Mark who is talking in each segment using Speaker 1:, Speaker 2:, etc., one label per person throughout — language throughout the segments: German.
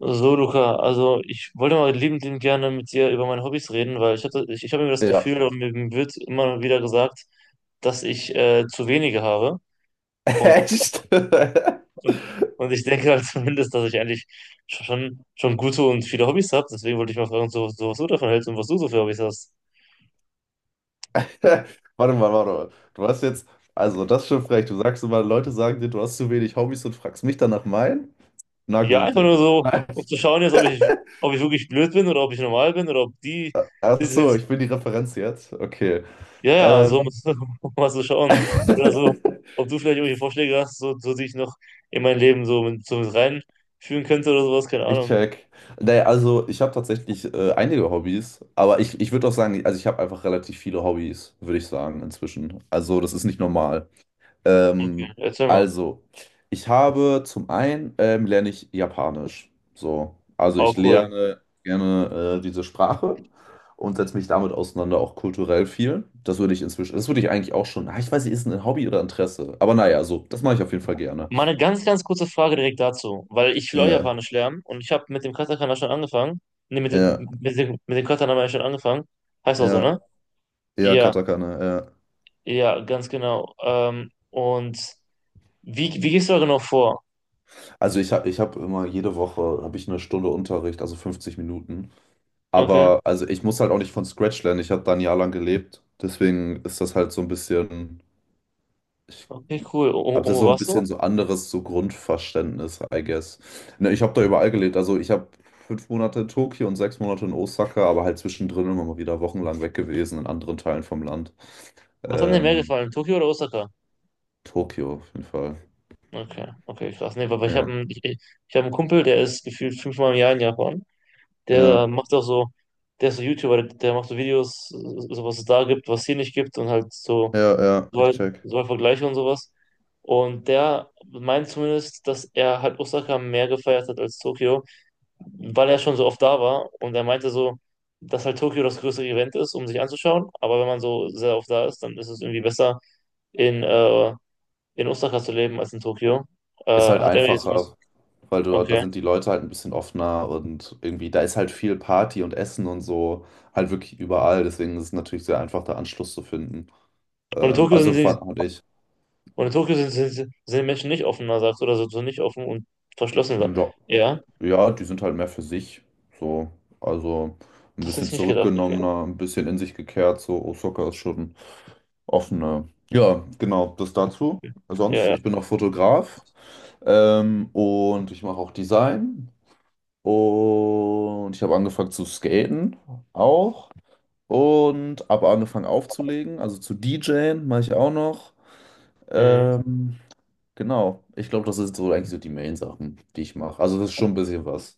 Speaker 1: So, Luca, also ich wollte mal liebend gerne mit dir über meine Hobbys reden, weil ich habe immer das
Speaker 2: Ja.
Speaker 1: Gefühl, und mir wird immer wieder gesagt, dass ich zu wenige habe. Und,
Speaker 2: Echt?
Speaker 1: und, und ich denke halt zumindest, dass ich eigentlich schon gute und viele Hobbys habe. Deswegen wollte ich mal fragen, so, was du davon hältst und was du so für Hobbys hast.
Speaker 2: Warte mal, warte mal. Du hast jetzt, also das ist schon frech. Du sagst immer, Leute sagen dir, du hast zu wenig Hobbys und fragst mich dann nach meinen? Na
Speaker 1: Ja,
Speaker 2: gut,
Speaker 1: einfach nur
Speaker 2: Digga.
Speaker 1: so,
Speaker 2: Nein.
Speaker 1: um zu schauen jetzt, ob ich wirklich blöd bin oder ob ich normal bin oder ob die
Speaker 2: Ach so, ich bin die Referenz jetzt. Okay.
Speaker 1: ja, ja, so
Speaker 2: Ähm.
Speaker 1: musst du, musst du schauen. Oder so, ob du vielleicht irgendwelche Vorschläge hast, so die ich noch in mein Leben so mit reinführen könnte oder sowas, keine
Speaker 2: Ich
Speaker 1: Ahnung.
Speaker 2: check. Nee, also ich habe tatsächlich einige Hobbys, aber ich würde auch sagen, also ich habe einfach relativ viele Hobbys, würde ich sagen, inzwischen. Also das ist nicht normal.
Speaker 1: Okay,
Speaker 2: Ähm,
Speaker 1: erzähl mal.
Speaker 2: also, ich habe zum einen lerne ich Japanisch. So, also
Speaker 1: Auch
Speaker 2: ich
Speaker 1: cool.
Speaker 2: lerne gerne diese Sprache und setze mich damit auseinander, auch kulturell viel. Das würde ich inzwischen, das würde ich eigentlich auch schon. Ah, ich weiß nicht, ist ein Hobby oder Interesse. Aber naja, so, das mache ich auf jeden Fall gerne.
Speaker 1: Mal eine ganz, ganz kurze Frage direkt dazu, weil ich will auch
Speaker 2: Ja,
Speaker 1: Japanisch lernen und ich habe mit dem Katakana schon angefangen. Ne, mit dem,
Speaker 2: ja,
Speaker 1: mit dem, mit dem Katakana habe ich schon angefangen. Heißt auch so,
Speaker 2: ja.
Speaker 1: ne?
Speaker 2: Ja,
Speaker 1: Ja,
Speaker 2: Katakana, ja.
Speaker 1: ja, ganz genau. Und wie gehst du da genau vor?
Speaker 2: Also ich hab immer jede Woche habe ich eine Stunde Unterricht, also 50 Minuten.
Speaker 1: Okay,
Speaker 2: Aber also ich muss halt auch nicht von Scratch lernen. Ich habe da ein Jahr lang gelebt. Deswegen ist das halt so ein bisschen, ich
Speaker 1: okay, cool. Und,
Speaker 2: habe
Speaker 1: und
Speaker 2: das
Speaker 1: wo
Speaker 2: so ein
Speaker 1: warst du?
Speaker 2: bisschen so anderes so Grundverständnis, I guess. Ne, ich habe da überall gelebt. Also ich habe 5 Monate in Tokio und 6 Monate in Osaka, aber halt zwischendrin immer mal wieder wochenlang weg gewesen in anderen Teilen vom Land.
Speaker 1: Was hat dir mehr
Speaker 2: Ähm,
Speaker 1: gefallen, Tokio oder Osaka?
Speaker 2: Tokio auf jeden Fall.
Speaker 1: Okay, okay, krass. Nee, aber ich habe
Speaker 2: Ja.
Speaker 1: einen, ich, ich ich hab einen Kumpel, der ist gefühlt fünfmal im Jahr in Japan. Der
Speaker 2: Ja,
Speaker 1: macht auch so, der ist so YouTuber, der macht so Videos, so was es da gibt, was es hier nicht gibt und halt so,
Speaker 2: ja, ja,
Speaker 1: so
Speaker 2: ich
Speaker 1: halt,
Speaker 2: check.
Speaker 1: so halt Vergleiche und sowas. Und der meint zumindest, dass er halt Osaka mehr gefeiert hat als Tokio, weil er schon so oft da war. Und er meinte so, dass halt Tokio das größere Event ist, um sich anzuschauen. Aber wenn man so sehr oft da ist, dann ist es irgendwie besser, in äh, in Osaka zu leben als in Tokio.
Speaker 2: Ist halt
Speaker 1: Hat er jetzt.
Speaker 2: einfacher, weil du, da
Speaker 1: Okay.
Speaker 2: sind die Leute halt ein bisschen offener und irgendwie, da ist halt viel Party und Essen und so, halt wirklich überall. Deswegen ist es natürlich sehr einfach, da Anschluss zu finden.
Speaker 1: Und in Tokio sind
Speaker 2: Also
Speaker 1: sie,
Speaker 2: fand ich,
Speaker 1: und in Tokio sind, sind, sind die Menschen nicht offener, sagst du, oder so, nicht offen und verschlossener.
Speaker 2: ja,
Speaker 1: Ja,
Speaker 2: ja, die sind halt mehr für sich. So, also ein
Speaker 1: das hätte
Speaker 2: bisschen
Speaker 1: ich nicht gedacht, okay.
Speaker 2: zurückgenommener, ein bisschen in sich gekehrt. So, Osaka ist schon offener. Ja, genau, das dazu.
Speaker 1: Ja,
Speaker 2: Sonst,
Speaker 1: ja.
Speaker 2: ich bin auch Fotograf und ich mache auch Design. Und ich habe angefangen zu skaten auch. Und habe angefangen aufzulegen, also zu DJen mache ich auch noch.
Speaker 1: Mhm.
Speaker 2: Ähm, genau, ich glaube, das sind so eigentlich so die Main-Sachen, die ich mache. Also das ist schon ein bisschen was.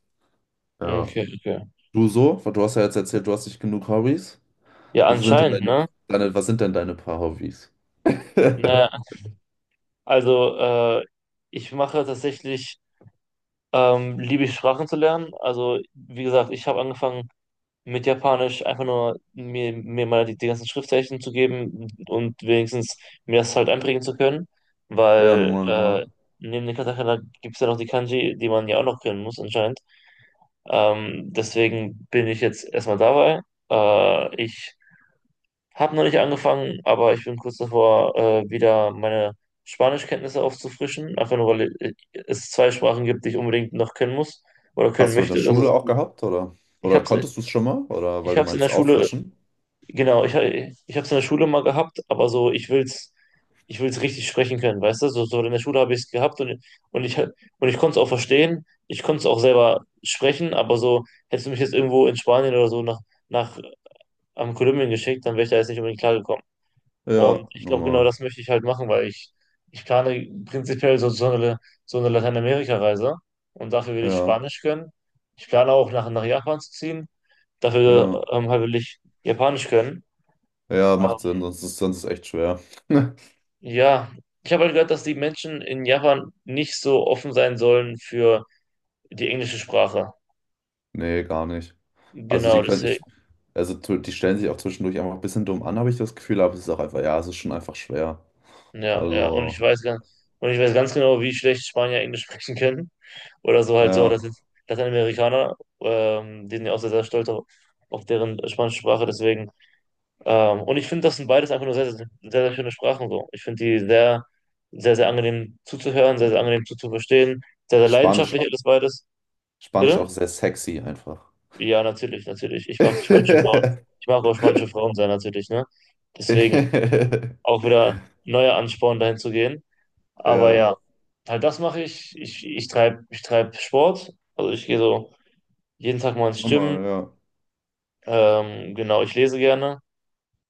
Speaker 2: Ja.
Speaker 1: Okay, okay.
Speaker 2: Du so? Weil Du hast ja jetzt erzählt, du hast nicht genug Hobbys.
Speaker 1: Ja,
Speaker 2: Was sind denn
Speaker 1: anscheinend,
Speaker 2: deine,
Speaker 1: ne?
Speaker 2: Was sind denn deine paar Hobbys?
Speaker 1: Naja, also, ich mache tatsächlich, liebe ich Sprachen zu lernen. Also, wie gesagt, ich habe angefangen, mit Japanisch einfach nur mir mal die ganzen Schriftzeichen zu geben und wenigstens mir das halt einprägen zu können,
Speaker 2: Ja,
Speaker 1: weil
Speaker 2: normal, normal.
Speaker 1: neben den Katakana gibt es ja noch die Kanji, die man ja auch noch können muss anscheinend. Deswegen bin ich jetzt erstmal dabei. Ich habe noch nicht angefangen, aber ich bin kurz davor, wieder meine Spanischkenntnisse aufzufrischen, einfach nur, weil es zwei Sprachen gibt, die ich unbedingt noch können muss oder können
Speaker 2: Hast du in der
Speaker 1: möchte. Das
Speaker 2: Schule
Speaker 1: ist,
Speaker 2: auch gehabt, oder?
Speaker 1: ich
Speaker 2: Oder
Speaker 1: habe es
Speaker 2: konntest du es schon mal? Oder weil
Speaker 1: ich
Speaker 2: du
Speaker 1: hab's in der
Speaker 2: meintest
Speaker 1: Schule
Speaker 2: auffrischen?
Speaker 1: Genau, ich habe es in der Schule mal gehabt, aber so, ich will's richtig sprechen können, weißt du? So in der Schule habe ich es gehabt und ich konnte es auch verstehen, ich konnte es auch selber sprechen, aber so, hättest du mich jetzt irgendwo in Spanien oder so nach, am Kolumbien geschickt, dann wäre ich da jetzt nicht unbedingt klargekommen. Und
Speaker 2: Ja,
Speaker 1: ich glaube, genau
Speaker 2: normal.
Speaker 1: das möchte ich halt machen, weil ich plane prinzipiell so eine Lateinamerika-Reise und dafür will ich
Speaker 2: Ja,
Speaker 1: Spanisch können. Ich plane auch nach Japan zu ziehen, dafür
Speaker 2: ja.
Speaker 1: halt will ich Japanisch können.
Speaker 2: Ja, macht Sinn, sonst ist echt schwer.
Speaker 1: Ja, ich habe halt gehört, dass die Menschen in Japan nicht so offen sein sollen für die englische Sprache.
Speaker 2: Nee, gar nicht. Also die
Speaker 1: Genau,
Speaker 2: können ich,
Speaker 1: deswegen.
Speaker 2: also die stellen sich auch zwischendurch einfach ein bisschen dumm an, habe ich das Gefühl, aber es ist auch einfach, ja, es ist schon einfach schwer.
Speaker 1: Ja, ja. Und
Speaker 2: Also,
Speaker 1: ich weiß ganz, und ich weiß ganz genau, wie schlecht Spanier Englisch sprechen können. Oder so halt so, dass
Speaker 2: ja.
Speaker 1: jetzt Lateinamerikaner, die sind ja auch sehr, sehr stolz auf deren spanische Sprache, deswegen. Und ich finde, das sind beides einfach nur sehr, sehr, sehr, sehr schöne Sprachen so. Ich finde die sehr, sehr, sehr angenehm zuzuhören, sehr, sehr angenehm zuzuverstehen, sehr, sehr
Speaker 2: Spanisch,
Speaker 1: leidenschaftlich alles beides.
Speaker 2: Spanisch
Speaker 1: Bitte?
Speaker 2: auch sehr sexy einfach.
Speaker 1: Ja, natürlich, natürlich. Ich mag spanische Frauen. Ich mag auch spanische Frauen sein, natürlich, ne? Deswegen auch wieder neuer Ansporn, dahin zu gehen. Aber
Speaker 2: Ja,
Speaker 1: ja, halt das mache ich. Ich treibe ich treib Sport. Also ich gehe so jeden Tag mal ins Gym.
Speaker 2: nochmal, ja.
Speaker 1: Genau, ich lese gerne.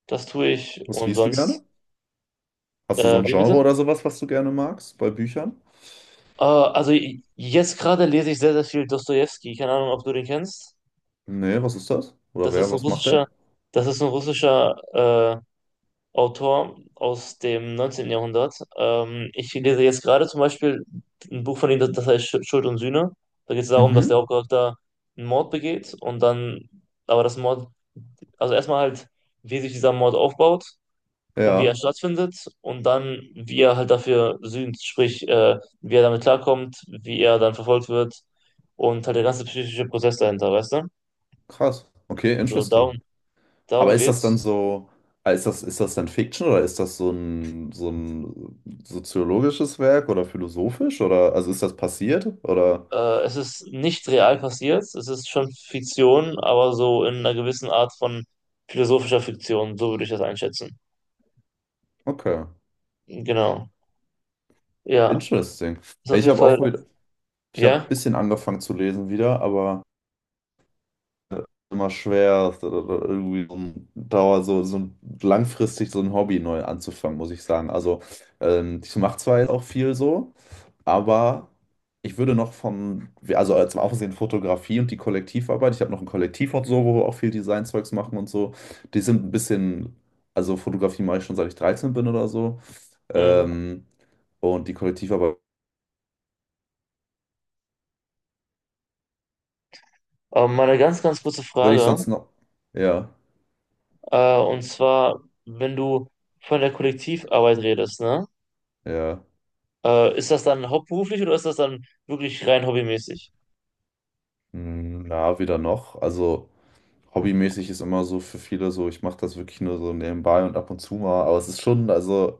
Speaker 1: Das tue ich.
Speaker 2: Was
Speaker 1: Und
Speaker 2: liest du
Speaker 1: sonst,
Speaker 2: gerne? Hast du so ein
Speaker 1: wie
Speaker 2: Genre
Speaker 1: bitte?
Speaker 2: oder sowas, was du gerne magst bei Büchern?
Speaker 1: Also jetzt gerade lese ich sehr, sehr viel Dostojewski. Keine Ahnung, ob du den kennst.
Speaker 2: Nee, was ist das? Oder
Speaker 1: Das
Speaker 2: wer,
Speaker 1: ist ein
Speaker 2: was macht
Speaker 1: russischer,
Speaker 2: der?
Speaker 1: das ist ein russischer, Autor aus dem 19. Jahrhundert. Ich lese jetzt gerade zum Beispiel ein Buch von ihm, das heißt Schuld und Sühne. Da geht es darum, dass der
Speaker 2: Mhm.
Speaker 1: Hauptcharakter einen Mord begeht und dann, aber das Mord, also erstmal halt, wie sich dieser Mord aufbaut und wie er
Speaker 2: Ja,
Speaker 1: stattfindet und dann, wie er halt dafür sühnt, sprich, wie er damit klarkommt, wie er dann verfolgt wird und halt der ganze psychische Prozess dahinter, weißt du?
Speaker 2: krass. Okay,
Speaker 1: So, darum,
Speaker 2: interesting. Aber
Speaker 1: darum
Speaker 2: ist das dann
Speaker 1: geht's.
Speaker 2: so, ist das dann Fiction oder ist das so ein soziologisches Werk oder philosophisch oder, also ist das passiert oder,
Speaker 1: Es ist nicht real passiert, es ist schon Fiktion, aber so in einer gewissen Art von philosophischer Fiktion, so würde ich das einschätzen.
Speaker 2: okay,
Speaker 1: Genau. Ja,
Speaker 2: interesting.
Speaker 1: ist
Speaker 2: Ja,
Speaker 1: auf jeden Fall,
Speaker 2: ich habe ein
Speaker 1: ja.
Speaker 2: bisschen angefangen zu lesen wieder, aber. Immer schwer, ist oder irgendwie so ein Dauer, langfristig so ein Hobby neu anzufangen, muss ich sagen. Also ich mache zwar jetzt auch viel so, aber ich würde noch von, also zum Aufsehen Fotografie und die Kollektivarbeit, ich habe noch ein Kollektiv und so, wo wir auch viel Designzeugs machen und so, die sind ein bisschen, also Fotografie mache ich schon seit ich 13 bin oder so.
Speaker 1: Mhm.
Speaker 2: Ähm, und die Kollektivarbeit
Speaker 1: Aber mal eine ganz, ganz kurze
Speaker 2: würde ich
Speaker 1: Frage.
Speaker 2: sonst noch, ja,
Speaker 1: Und zwar, wenn du von der Kollektivarbeit redest, ne?
Speaker 2: ja,
Speaker 1: Ist das dann hauptberuflich oder ist das dann wirklich rein hobbymäßig?
Speaker 2: Ja, wieder noch, also. Hobbymäßig ist immer so für viele so, ich mache das wirklich nur so nebenbei und ab und zu mal, aber es ist schon, also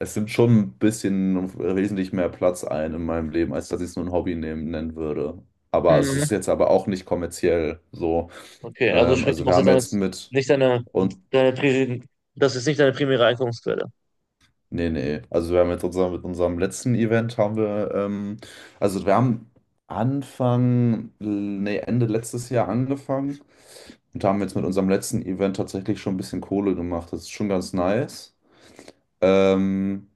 Speaker 2: es nimmt schon ein bisschen wesentlich mehr Platz ein in meinem Leben, als dass ich es nur ein Hobby nehmen, nennen würde. Aber es
Speaker 1: Mhm.
Speaker 2: ist jetzt aber auch nicht kommerziell so.
Speaker 1: Okay, also sprich, du
Speaker 2: Also wir
Speaker 1: machst jetzt
Speaker 2: haben
Speaker 1: damit
Speaker 2: jetzt mit,
Speaker 1: nicht deine,
Speaker 2: und
Speaker 1: deine, Pri- das ist nicht deine primäre Einkommensquelle.
Speaker 2: nee, nee. Also wir haben jetzt unser, mit unserem letzten Event haben wir, also wir haben Anfang, nee, Ende letztes Jahr angefangen und haben jetzt mit unserem letzten Event tatsächlich schon ein bisschen Kohle gemacht. Das ist schon ganz nice. Ähm,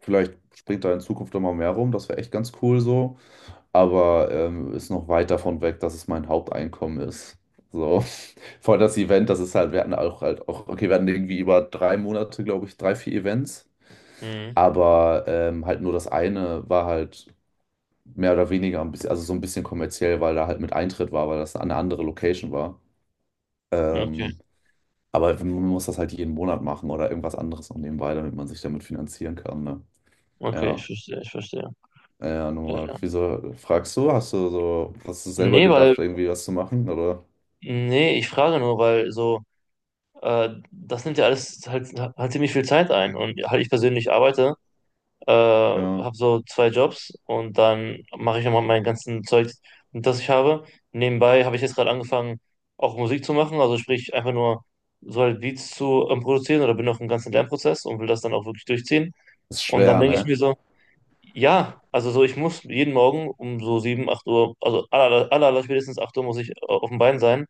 Speaker 2: vielleicht springt da in Zukunft immer mehr rum, das wäre echt ganz cool so. Aber ist noch weit davon weg, dass es mein Haupteinkommen ist. So, vor allem das Event, das ist halt, wir hatten auch halt auch, okay, wir hatten irgendwie über 3 Monate, glaube ich, drei, vier Events.
Speaker 1: Mhm.
Speaker 2: Aber halt nur das eine war halt mehr oder weniger ein bisschen, also so ein bisschen kommerziell, weil da halt mit Eintritt war, weil das eine andere Location war.
Speaker 1: Okay.
Speaker 2: Ähm, aber man muss das halt jeden Monat machen oder irgendwas anderes noch nebenbei, damit man sich damit finanzieren kann. Ne?
Speaker 1: Okay, ich
Speaker 2: Ja,
Speaker 1: verstehe, ich verstehe.
Speaker 2: ja, ja, nur
Speaker 1: Ja,
Speaker 2: mal.
Speaker 1: ja.
Speaker 2: Wieso fragst du? Hast du so, hast du selber
Speaker 1: Nee,
Speaker 2: gedacht, irgendwie was zu machen? Oder?
Speaker 1: nee, ich frage nur, weil so, das nimmt ja alles halt ziemlich viel Zeit ein. Und halt ich persönlich
Speaker 2: Ja.
Speaker 1: habe so zwei Jobs und dann mache ich immer mein ganzen Zeug, das ich habe. Nebenbei habe ich jetzt gerade angefangen, auch Musik zu machen, also sprich einfach nur so halt Beats zu produzieren oder bin noch im ganzen Lernprozess und will das dann auch wirklich durchziehen.
Speaker 2: Ist
Speaker 1: Und dann
Speaker 2: schwer,
Speaker 1: denke ich
Speaker 2: ne?
Speaker 1: mir so: Ja, also so, ich muss jeden Morgen um so 7 8 Uhr, also aller spätestens 8 Uhr muss ich auf dem Bein sein,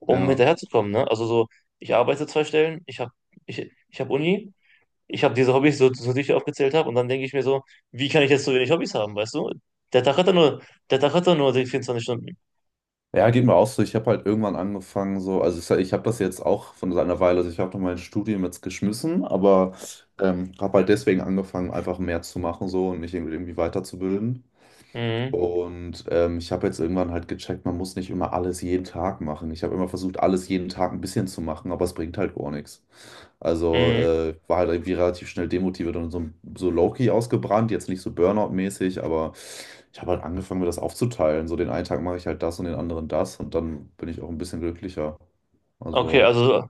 Speaker 1: um
Speaker 2: Ja.
Speaker 1: hinterherzukommen, ne? Also so, ich arbeite zwei Stellen, ich hab Uni, ich habe diese Hobbys, so die ich aufgezählt habe, und dann denke ich mir so, wie kann ich jetzt so wenig Hobbys haben, weißt du? Der Tag hat doch nur, der Tag hat doch nur 24 Stunden.
Speaker 2: Ja, geht mir auch so. Ich habe halt irgendwann angefangen, so, also ich, ich habe das jetzt auch von einer Weile, also ich habe noch mein Studium jetzt geschmissen, aber habe halt deswegen angefangen, einfach mehr zu machen so und mich irgendwie weiterzubilden.
Speaker 1: Mhm,
Speaker 2: Und ich habe jetzt irgendwann halt gecheckt, man muss nicht immer alles jeden Tag machen. Ich habe immer versucht, alles jeden Tag ein bisschen zu machen, aber es bringt halt gar nichts. Also
Speaker 1: mhm.
Speaker 2: war halt irgendwie relativ schnell demotiviert und so, so low-key ausgebrannt, jetzt nicht so Burnout-mäßig, aber ich habe halt angefangen, mir das aufzuteilen. So den einen Tag mache ich halt das und den anderen das und dann bin ich auch ein bisschen glücklicher.
Speaker 1: Okay,
Speaker 2: Also
Speaker 1: also,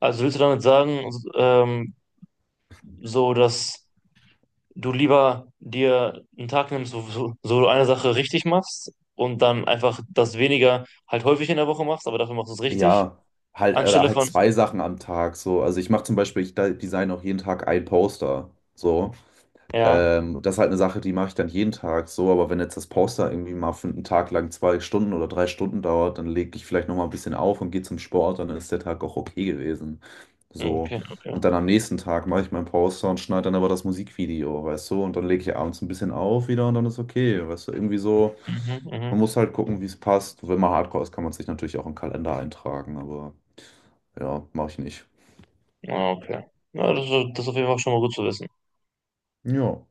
Speaker 1: also willst du damit sagen, ähm, so dass du lieber dir einen Tag nimmst, wo so du eine Sache richtig machst und dann einfach das weniger halt häufig in der Woche machst, aber dafür machst du es richtig,
Speaker 2: ja, halt oder
Speaker 1: anstelle
Speaker 2: halt
Speaker 1: von,
Speaker 2: zwei Sachen am Tag so. Also ich mache zum Beispiel, ich design auch jeden Tag ein Poster. So.
Speaker 1: ja,
Speaker 2: Das ist halt eine Sache, die mache ich dann jeden Tag so, aber wenn jetzt das Poster irgendwie mal für einen Tag lang 2 Stunden oder 3 Stunden dauert, dann lege ich vielleicht nochmal ein bisschen auf und gehe zum Sport, dann ist der Tag auch okay gewesen. So.
Speaker 1: okay, okay,
Speaker 2: Und dann am nächsten Tag mache ich mein Poster und schneide dann aber das Musikvideo, weißt du? Und dann lege ich abends ein bisschen auf wieder und dann ist okay, weißt du? Irgendwie so,
Speaker 1: mhm, mhm,
Speaker 2: man muss halt gucken, wie es passt. Wenn man Hardcore ist, kann man sich natürlich auch im Kalender eintragen, aber ja, mache ich nicht.
Speaker 1: ah, okay. Ja, das ist auf jeden Fall schon mal gut zu wissen.
Speaker 2: Ja.